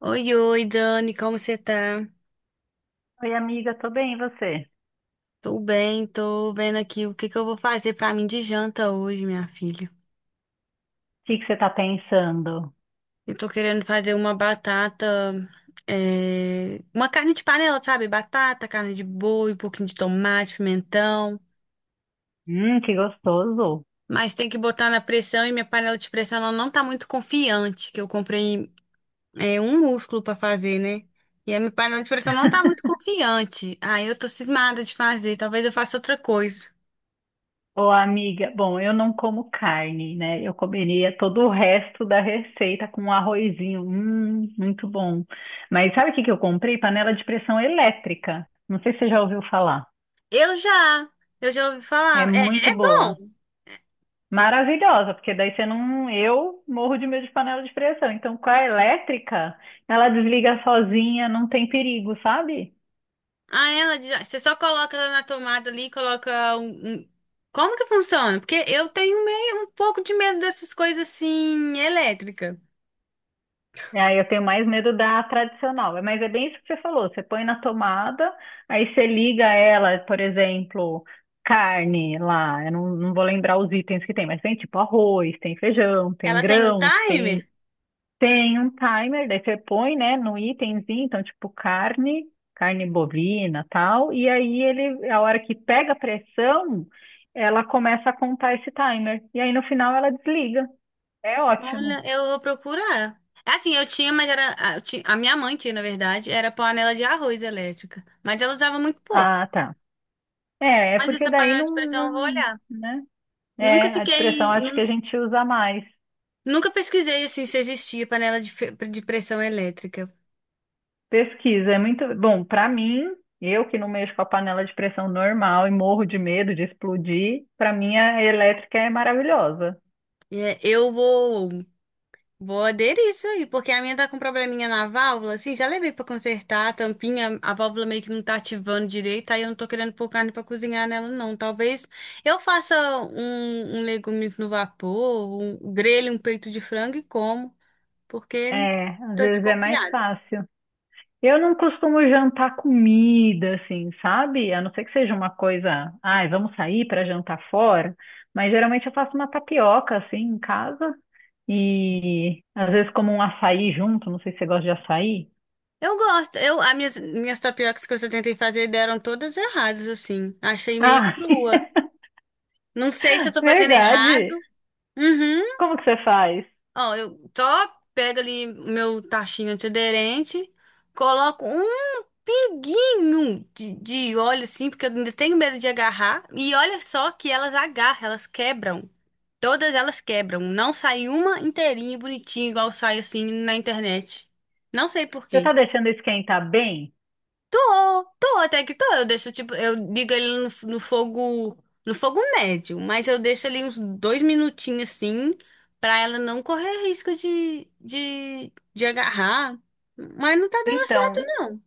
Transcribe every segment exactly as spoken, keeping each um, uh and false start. Oi, oi, Dani, como você tá? Oi, amiga, tô bem, e você? Tô bem, tô vendo aqui o que que eu vou fazer pra mim de janta hoje, minha filha. O que que você tá pensando? Eu tô querendo fazer uma batata, é, uma carne de panela, sabe? Batata, carne de boi, um pouquinho de tomate, pimentão. Hum, que gostoso. Mas tem que botar na pressão e minha panela de pressão ela não tá muito confiante, que eu comprei, é, um músculo pra fazer, né? E a minha panela de pressão não tá muito confiante. Aí eu tô cismada de fazer, talvez eu faça outra coisa. Ô, amiga, bom, eu não como carne, né? Eu comeria todo o resto da receita com um arrozinho. Hum, muito bom. Mas sabe o que que eu comprei? Panela de pressão elétrica. Não sei se você já ouviu falar. Eu já, eu já ouvi É falar. É, muito é boa. bom. Maravilhosa, porque daí você não. Eu morro de medo de panela de pressão. Então, com a elétrica, ela desliga sozinha, não tem perigo, sabe? Aí ela diz, ah, você só coloca ela na tomada ali, coloca um, um- como que funciona? Porque eu tenho meio um pouco de medo dessas coisas assim, elétrica. Ah, eu tenho mais medo da tradicional. É, mas é bem isso que você falou. Você põe na tomada, aí você liga ela, por exemplo, carne lá. Eu não, não vou lembrar os itens que tem, mas tem tipo arroz, tem feijão, tem Ela tem um grãos, timer? tem, tem um timer. Daí você põe, né, no itemzinho, então tipo carne, carne bovina, tal. E aí ele, a hora que pega a pressão, ela começa a contar esse timer. E aí no final ela desliga. É ótimo. Olha, eu vou procurar. Assim, eu tinha, mas era. A eu ti- a minha mãe tinha, na verdade, era panela de arroz elétrica. Mas ela usava muito pouco. Ah, tá. É, é Mas porque essa daí panela não, de pressão eu vou não, olhar. né? Nunca É, a depressão fiquei. acho que a Nun- gente usa mais. Nunca pesquisei assim se existia panela de, fe- de pressão elétrica. Pesquisa é muito bom para mim. Eu que não mexo com a panela de pressão normal e morro de medo de explodir, para mim a elétrica é maravilhosa. É, eu vou, vou aderir isso aí, porque a minha tá com probleminha na válvula, assim, já levei pra consertar a tampinha, a válvula meio que não tá ativando direito, aí eu não tô querendo pôr carne pra cozinhar nela, não. Talvez eu faça um, um legume no vapor, um grelho, um peito de frango e como, porque É, às tô vezes é mais desconfiada. fácil. Eu não costumo jantar comida, assim, sabe? A não ser que seja uma coisa, ai, vamos sair para jantar fora, mas geralmente eu faço uma tapioca assim em casa. E às vezes como um açaí junto, não sei se você gosta de açaí. Eu gosto, eu, as minhas, minhas tapiocas que eu tentei fazer deram todas erradas, assim, achei meio Ah, crua. Não sei se eu tô fazendo errado. verdade. Uhum. Como que você faz? Ó, eu só pego ali o meu tachinho antiaderente, coloco um pinguinho de, de óleo, assim, porque eu ainda tenho medo de agarrar. E olha só que elas agarram, elas quebram. Todas elas quebram. Não sai uma inteirinha, bonitinha, igual sai assim na internet. Não sei por Você tá quê. deixando esquentar bem? Tô, tô, até que tô. Eu deixo, tipo, eu digo ele no, f- no fogo, no fogo médio, mas eu deixo ali uns dois minutinhos assim, pra ela não correr risco de, de, de agarrar. Mas não tá dando certo, Então, não.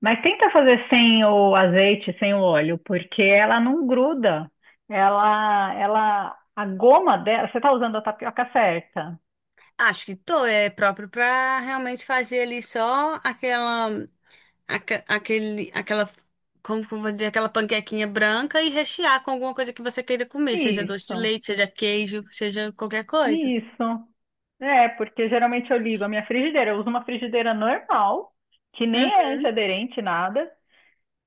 mas tenta fazer sem o azeite, sem o óleo, porque ela não gruda. Ela, ela, a goma dela, você tá usando a tapioca certa. Acho que tô, é próprio pra realmente fazer ali só aquela, aque- aquele, aquela, como que eu vou dizer, aquela panquequinha branca e rechear com alguma coisa que você queira comer, seja doce de Isso, leite, seja queijo, seja qualquer coisa. isso. É, porque geralmente eu ligo a minha frigideira, eu uso uma frigideira normal, que nem é Uhum, antiaderente, nada.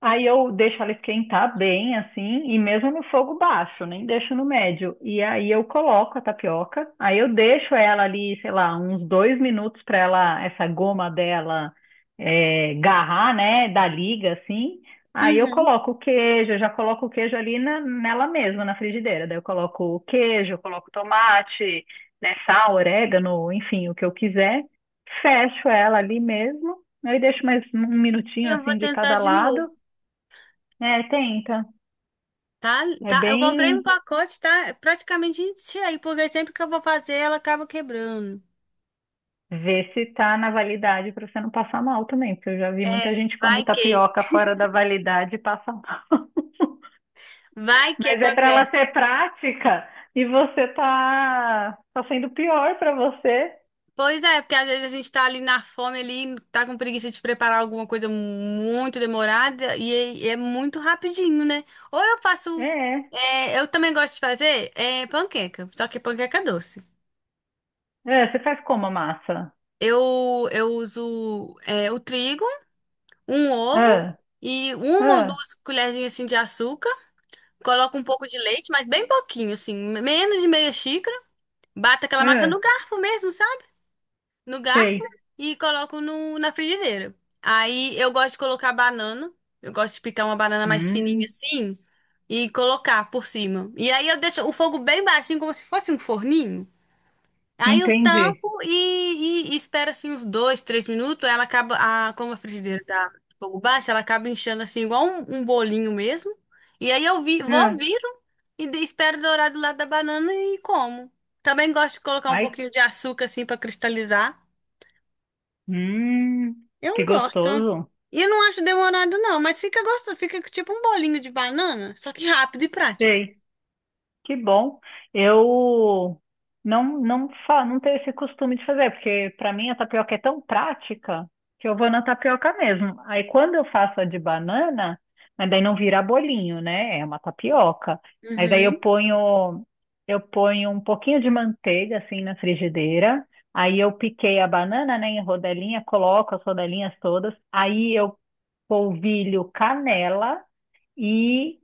Aí eu deixo ela esquentar bem, assim, e mesmo no fogo baixo, nem deixo no médio. E aí eu coloco a tapioca, aí eu deixo ela ali, sei lá, uns dois minutos para ela, essa goma dela, é, garrar, né, da liga, assim. Aí eu uhum. coloco o queijo, eu já coloco o queijo ali na- nela mesma, na frigideira. Daí eu coloco o queijo, eu coloco tomate, né, sal, orégano, enfim, o que eu quiser. Fecho ela ali mesmo, aí deixo mais um minutinho, Eu vou assim, de tentar cada de novo. lado. É, tenta. Tá, É tá. Eu comprei um bem pacote, tá. É praticamente cheio, porque sempre que eu vou fazer, ela acaba quebrando. ver se tá na validade para você não passar mal também, porque eu já vi É, muita gente que come vai que, tapioca fora da validade e passa mal. vai que Mas é para ela acontece. ser prática e você tá, tá sendo pior para você. Pois é, porque às vezes a gente tá ali na fome ali, tá com preguiça de preparar alguma coisa muito demorada e é e é muito rapidinho, né? Ou eu É, faço, é. é, eu também gosto de fazer é, panqueca, só que panqueca doce. É, você faz como a massa? Eu, eu uso é, o trigo. Um ovo Ah, e uma ou ah, duas colherzinhas assim de açúcar. Coloca um pouco de leite, mas bem pouquinho, assim, menos de meia xícara. Bata aquela massa no ah, garfo mesmo, sabe? No garfo sei. e coloco no, na frigideira. Aí eu gosto de colocar banana. Eu gosto de picar uma banana mais fininha Hum, assim e colocar por cima. E aí eu deixo o fogo bem baixinho, como se fosse um forninho. Aí eu entendi. tampo e, e, e espero assim uns dois, três minutos. Ela acaba, a, como a frigideira tá de fogo baixo, ela acaba inchando assim, igual um, um bolinho mesmo. E aí eu vi, vou, Ah, viro e de- espero dourar do lado da banana e como. Também gosto de colocar um ai, pouquinho de açúcar assim pra cristalizar. hum, Eu que gosto. gostoso. E eu não acho demorado não, mas fica gostoso, fica tipo um bolinho de banana, só que rápido e prático. Sei. Que bom. Eu não não fa não tenho esse costume de fazer, porque para mim a tapioca é tão prática que eu vou na tapioca mesmo. Aí quando eu faço a de banana, mas daí não vira bolinho, né? É uma tapioca. Mas aí eu Uhum. ponho eu ponho um pouquinho de manteiga assim na frigideira. Aí eu piquei a banana, né, em rodelinha, coloco as rodelinhas todas. Aí eu polvilho canela e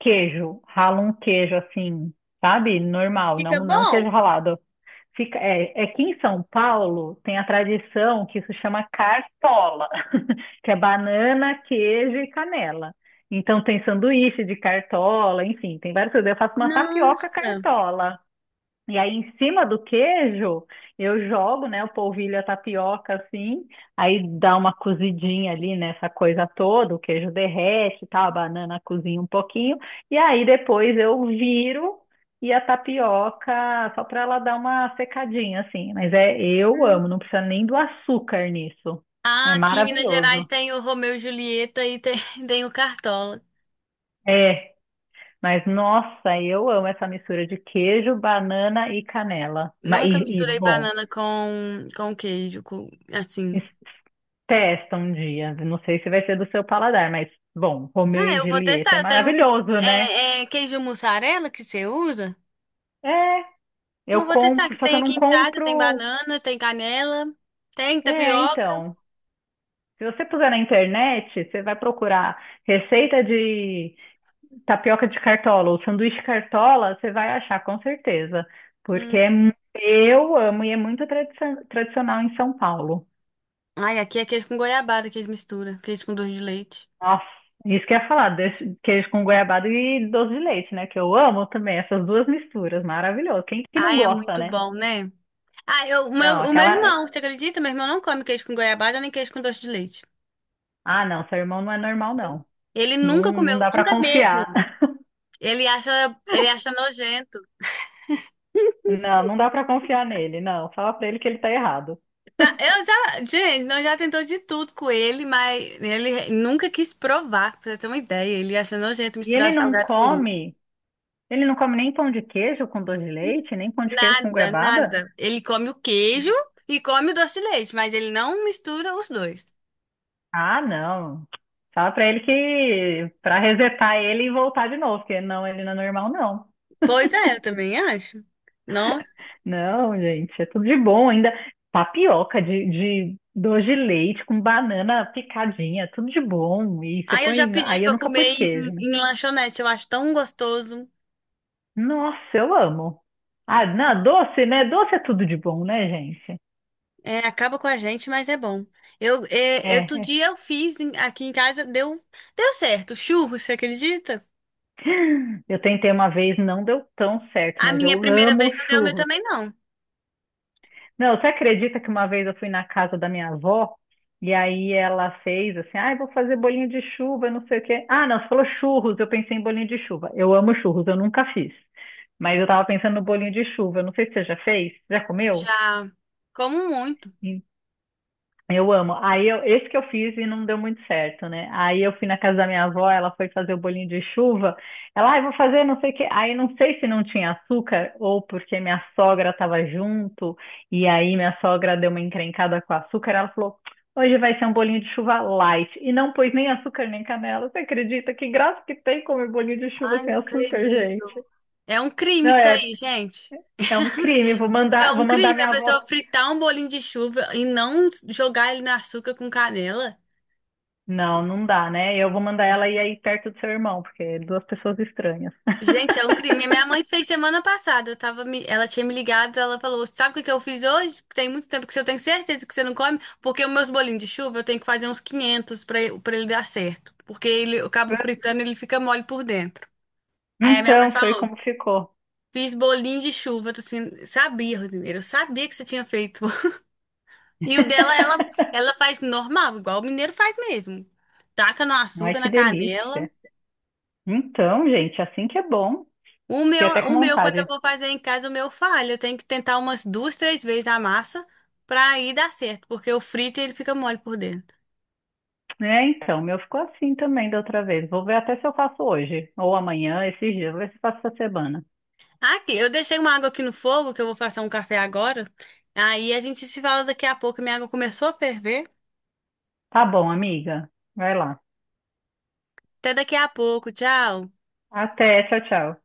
queijo, rala um queijo assim, sabe? Normal, Fica não, não queijo bom? ralado. Fica, é, é que em São Paulo tem a tradição que isso chama cartola, que é banana, queijo e canela. Então tem sanduíche de cartola, enfim, tem várias coisas. Eu faço uma tapioca Nossa. cartola. E aí, em cima do queijo, eu jogo, né, o polvilho, a tapioca, assim, aí dá uma cozidinha ali nessa coisa toda, o queijo derrete, e tal, a banana cozinha um pouquinho, e aí depois eu viro e a tapioca, só para ela dar uma secadinha, assim. Mas é, eu amo, não precisa nem do açúcar nisso. É Ah, aqui em Minas Gerais maravilhoso. tem o Romeu e Julieta e tem, tem o Cartola. É, mas nossa, eu amo essa mistura de queijo, banana e canela. Ma- Nunca E, e misturei bom. banana com, com queijo, com- assim. Testa um dia. Não sei se vai ser do seu paladar, mas, bom, Romeu Ah, e eu vou Julieta testar. é Eu tenho maravilhoso, né? é, é, queijo mussarela que você usa? É, Eu eu vou testar, compro, que só que tem eu não aqui em casa, tem compro. banana, tem canela, tem É, tapioca. então. Se você puser na internet, você vai procurar receita de tapioca de cartola ou sanduíche cartola, você vai achar com certeza. Porque é Hum. mu- eu amo e é muito tradici- tradicional em São Paulo. Ai, aqui é queijo com goiabada que eles misturam, queijo com doce de leite. Nossa, isso que eu ia falar, desse- queijo com goiabada e doce de leite, né? Que eu amo também essas duas misturas, maravilhoso. Quem que não Ai, é gosta, muito né? bom, né? Ah, eu, o Não, meu, o meu aquela. irmão, você acredita? Meu irmão não come queijo com goiabada nem queijo com doce de leite. Ah, não, seu irmão não é normal, não. Ele Não, nunca comeu, não dá pra nunca mesmo. confiar. Ele acha, ele acha nojento. Não, não dá pra confiar nele, não. Fala pra ele que ele tá errado. Tá, eu já, gente, nós já tentou de tudo com ele, mas ele nunca quis provar, pra você ter uma ideia. Ele acha nojento E ele misturar não salgado com doce. come, ele não come nem pão de queijo com doce de leite, nem pão de queijo com Nada, goiabada? nada. Ele come o queijo e come o doce de leite, mas ele não mistura os dois. Ah, não. Fala pra ele que pra resetar ele e voltar de novo, porque não, ele não é normal, não. Pois é, eu também acho. Nossa. Não, gente, é tudo de bom. Ainda tapioca de, de doce de leite com banana picadinha, tudo de bom. E você Aí eu já põe. pedi Aí eu pra nunca comer pus em, queijo, né? em lanchonete, eu acho tão gostoso. Nossa, eu amo. Ah, não, doce, né? Doce é tudo de bom, né, gente? É, acaba com a gente, mas é bom. Eu, É, é, Outro é. dia eu fiz em- aqui em casa, deu, deu certo. Churros, você acredita? Eu tentei uma vez, não deu tão certo, A mas minha eu primeira amo vez não deu, o meu churros. também não. Não, você acredita que uma vez eu fui na casa da minha avó e aí ela fez assim, ah, eu vou fazer bolinho de chuva, não sei o quê. Ah, não, você falou churros, eu pensei em bolinho de chuva. Eu amo churros, eu nunca fiz. Mas eu tava pensando no bolinho de chuva, eu não sei se você já fez, já comeu? Já como muito. Eu amo. Aí eu, esse que eu fiz e não deu muito certo, né? Aí eu fui na casa da minha avó, ela foi fazer o bolinho de chuva. Ela, ah, eu vou fazer não sei o quê. Aí não sei se não tinha açúcar ou porque minha sogra estava junto e aí minha sogra deu uma encrencada com o açúcar. Ela falou, hoje vai ser um bolinho de chuva light. E não pôs nem açúcar nem canela. Você acredita? Que graça que tem comer bolinho de chuva Ai, não sem açúcar, acredito. gente. É um crime Não isso é, aí, gente. é um crime. Vou É mandar, um vou mandar crime a minha pessoa avó. fritar um bolinho de chuva e não jogar ele no açúcar com canela. Não, não dá, né? Eu vou mandar ela ir aí perto do seu irmão, porque é duas pessoas estranhas. Gente, é um crime. Minha mãe fez semana passada. Eu tava me... Ela tinha me ligado, ela falou: Sabe o que que eu fiz hoje? Tem muito tempo que você- eu tenho certeza que você não come, porque os meus bolinhos de chuva eu tenho que fazer uns quinhentos pra ele pra ele dar certo. Porque ele, eu cabo fritando e ele fica mole por dentro. Aí a minha mãe Então, foi falou: como ficou. Fiz bolinho de chuva. Eu tô assim: Sabia, Rodrigo, eu sabia que você tinha feito. E o dela, ela, ela faz normal, igual o mineiro faz mesmo. Taca no Ai, açúcar, que na canela. delícia. Então, gente, assim que é bom. O Fiquei meu, até com o meu, quando eu vontade. vou fazer em casa, o meu falha. Eu tenho que tentar umas duas, três vezes a massa pra aí dar certo, porque o frito ele fica mole por dentro. É, então, o meu ficou assim também da outra vez. Vou ver até se eu faço hoje, ou amanhã, esses dias. Vou ver se eu faço essa semana. Aqui, eu deixei uma água aqui no fogo, que eu vou fazer um café agora. Aí a gente se fala daqui a pouco. Minha água começou a ferver. Tá bom, amiga. Vai lá. Até daqui a pouco. Tchau. Até, tchau, tchau.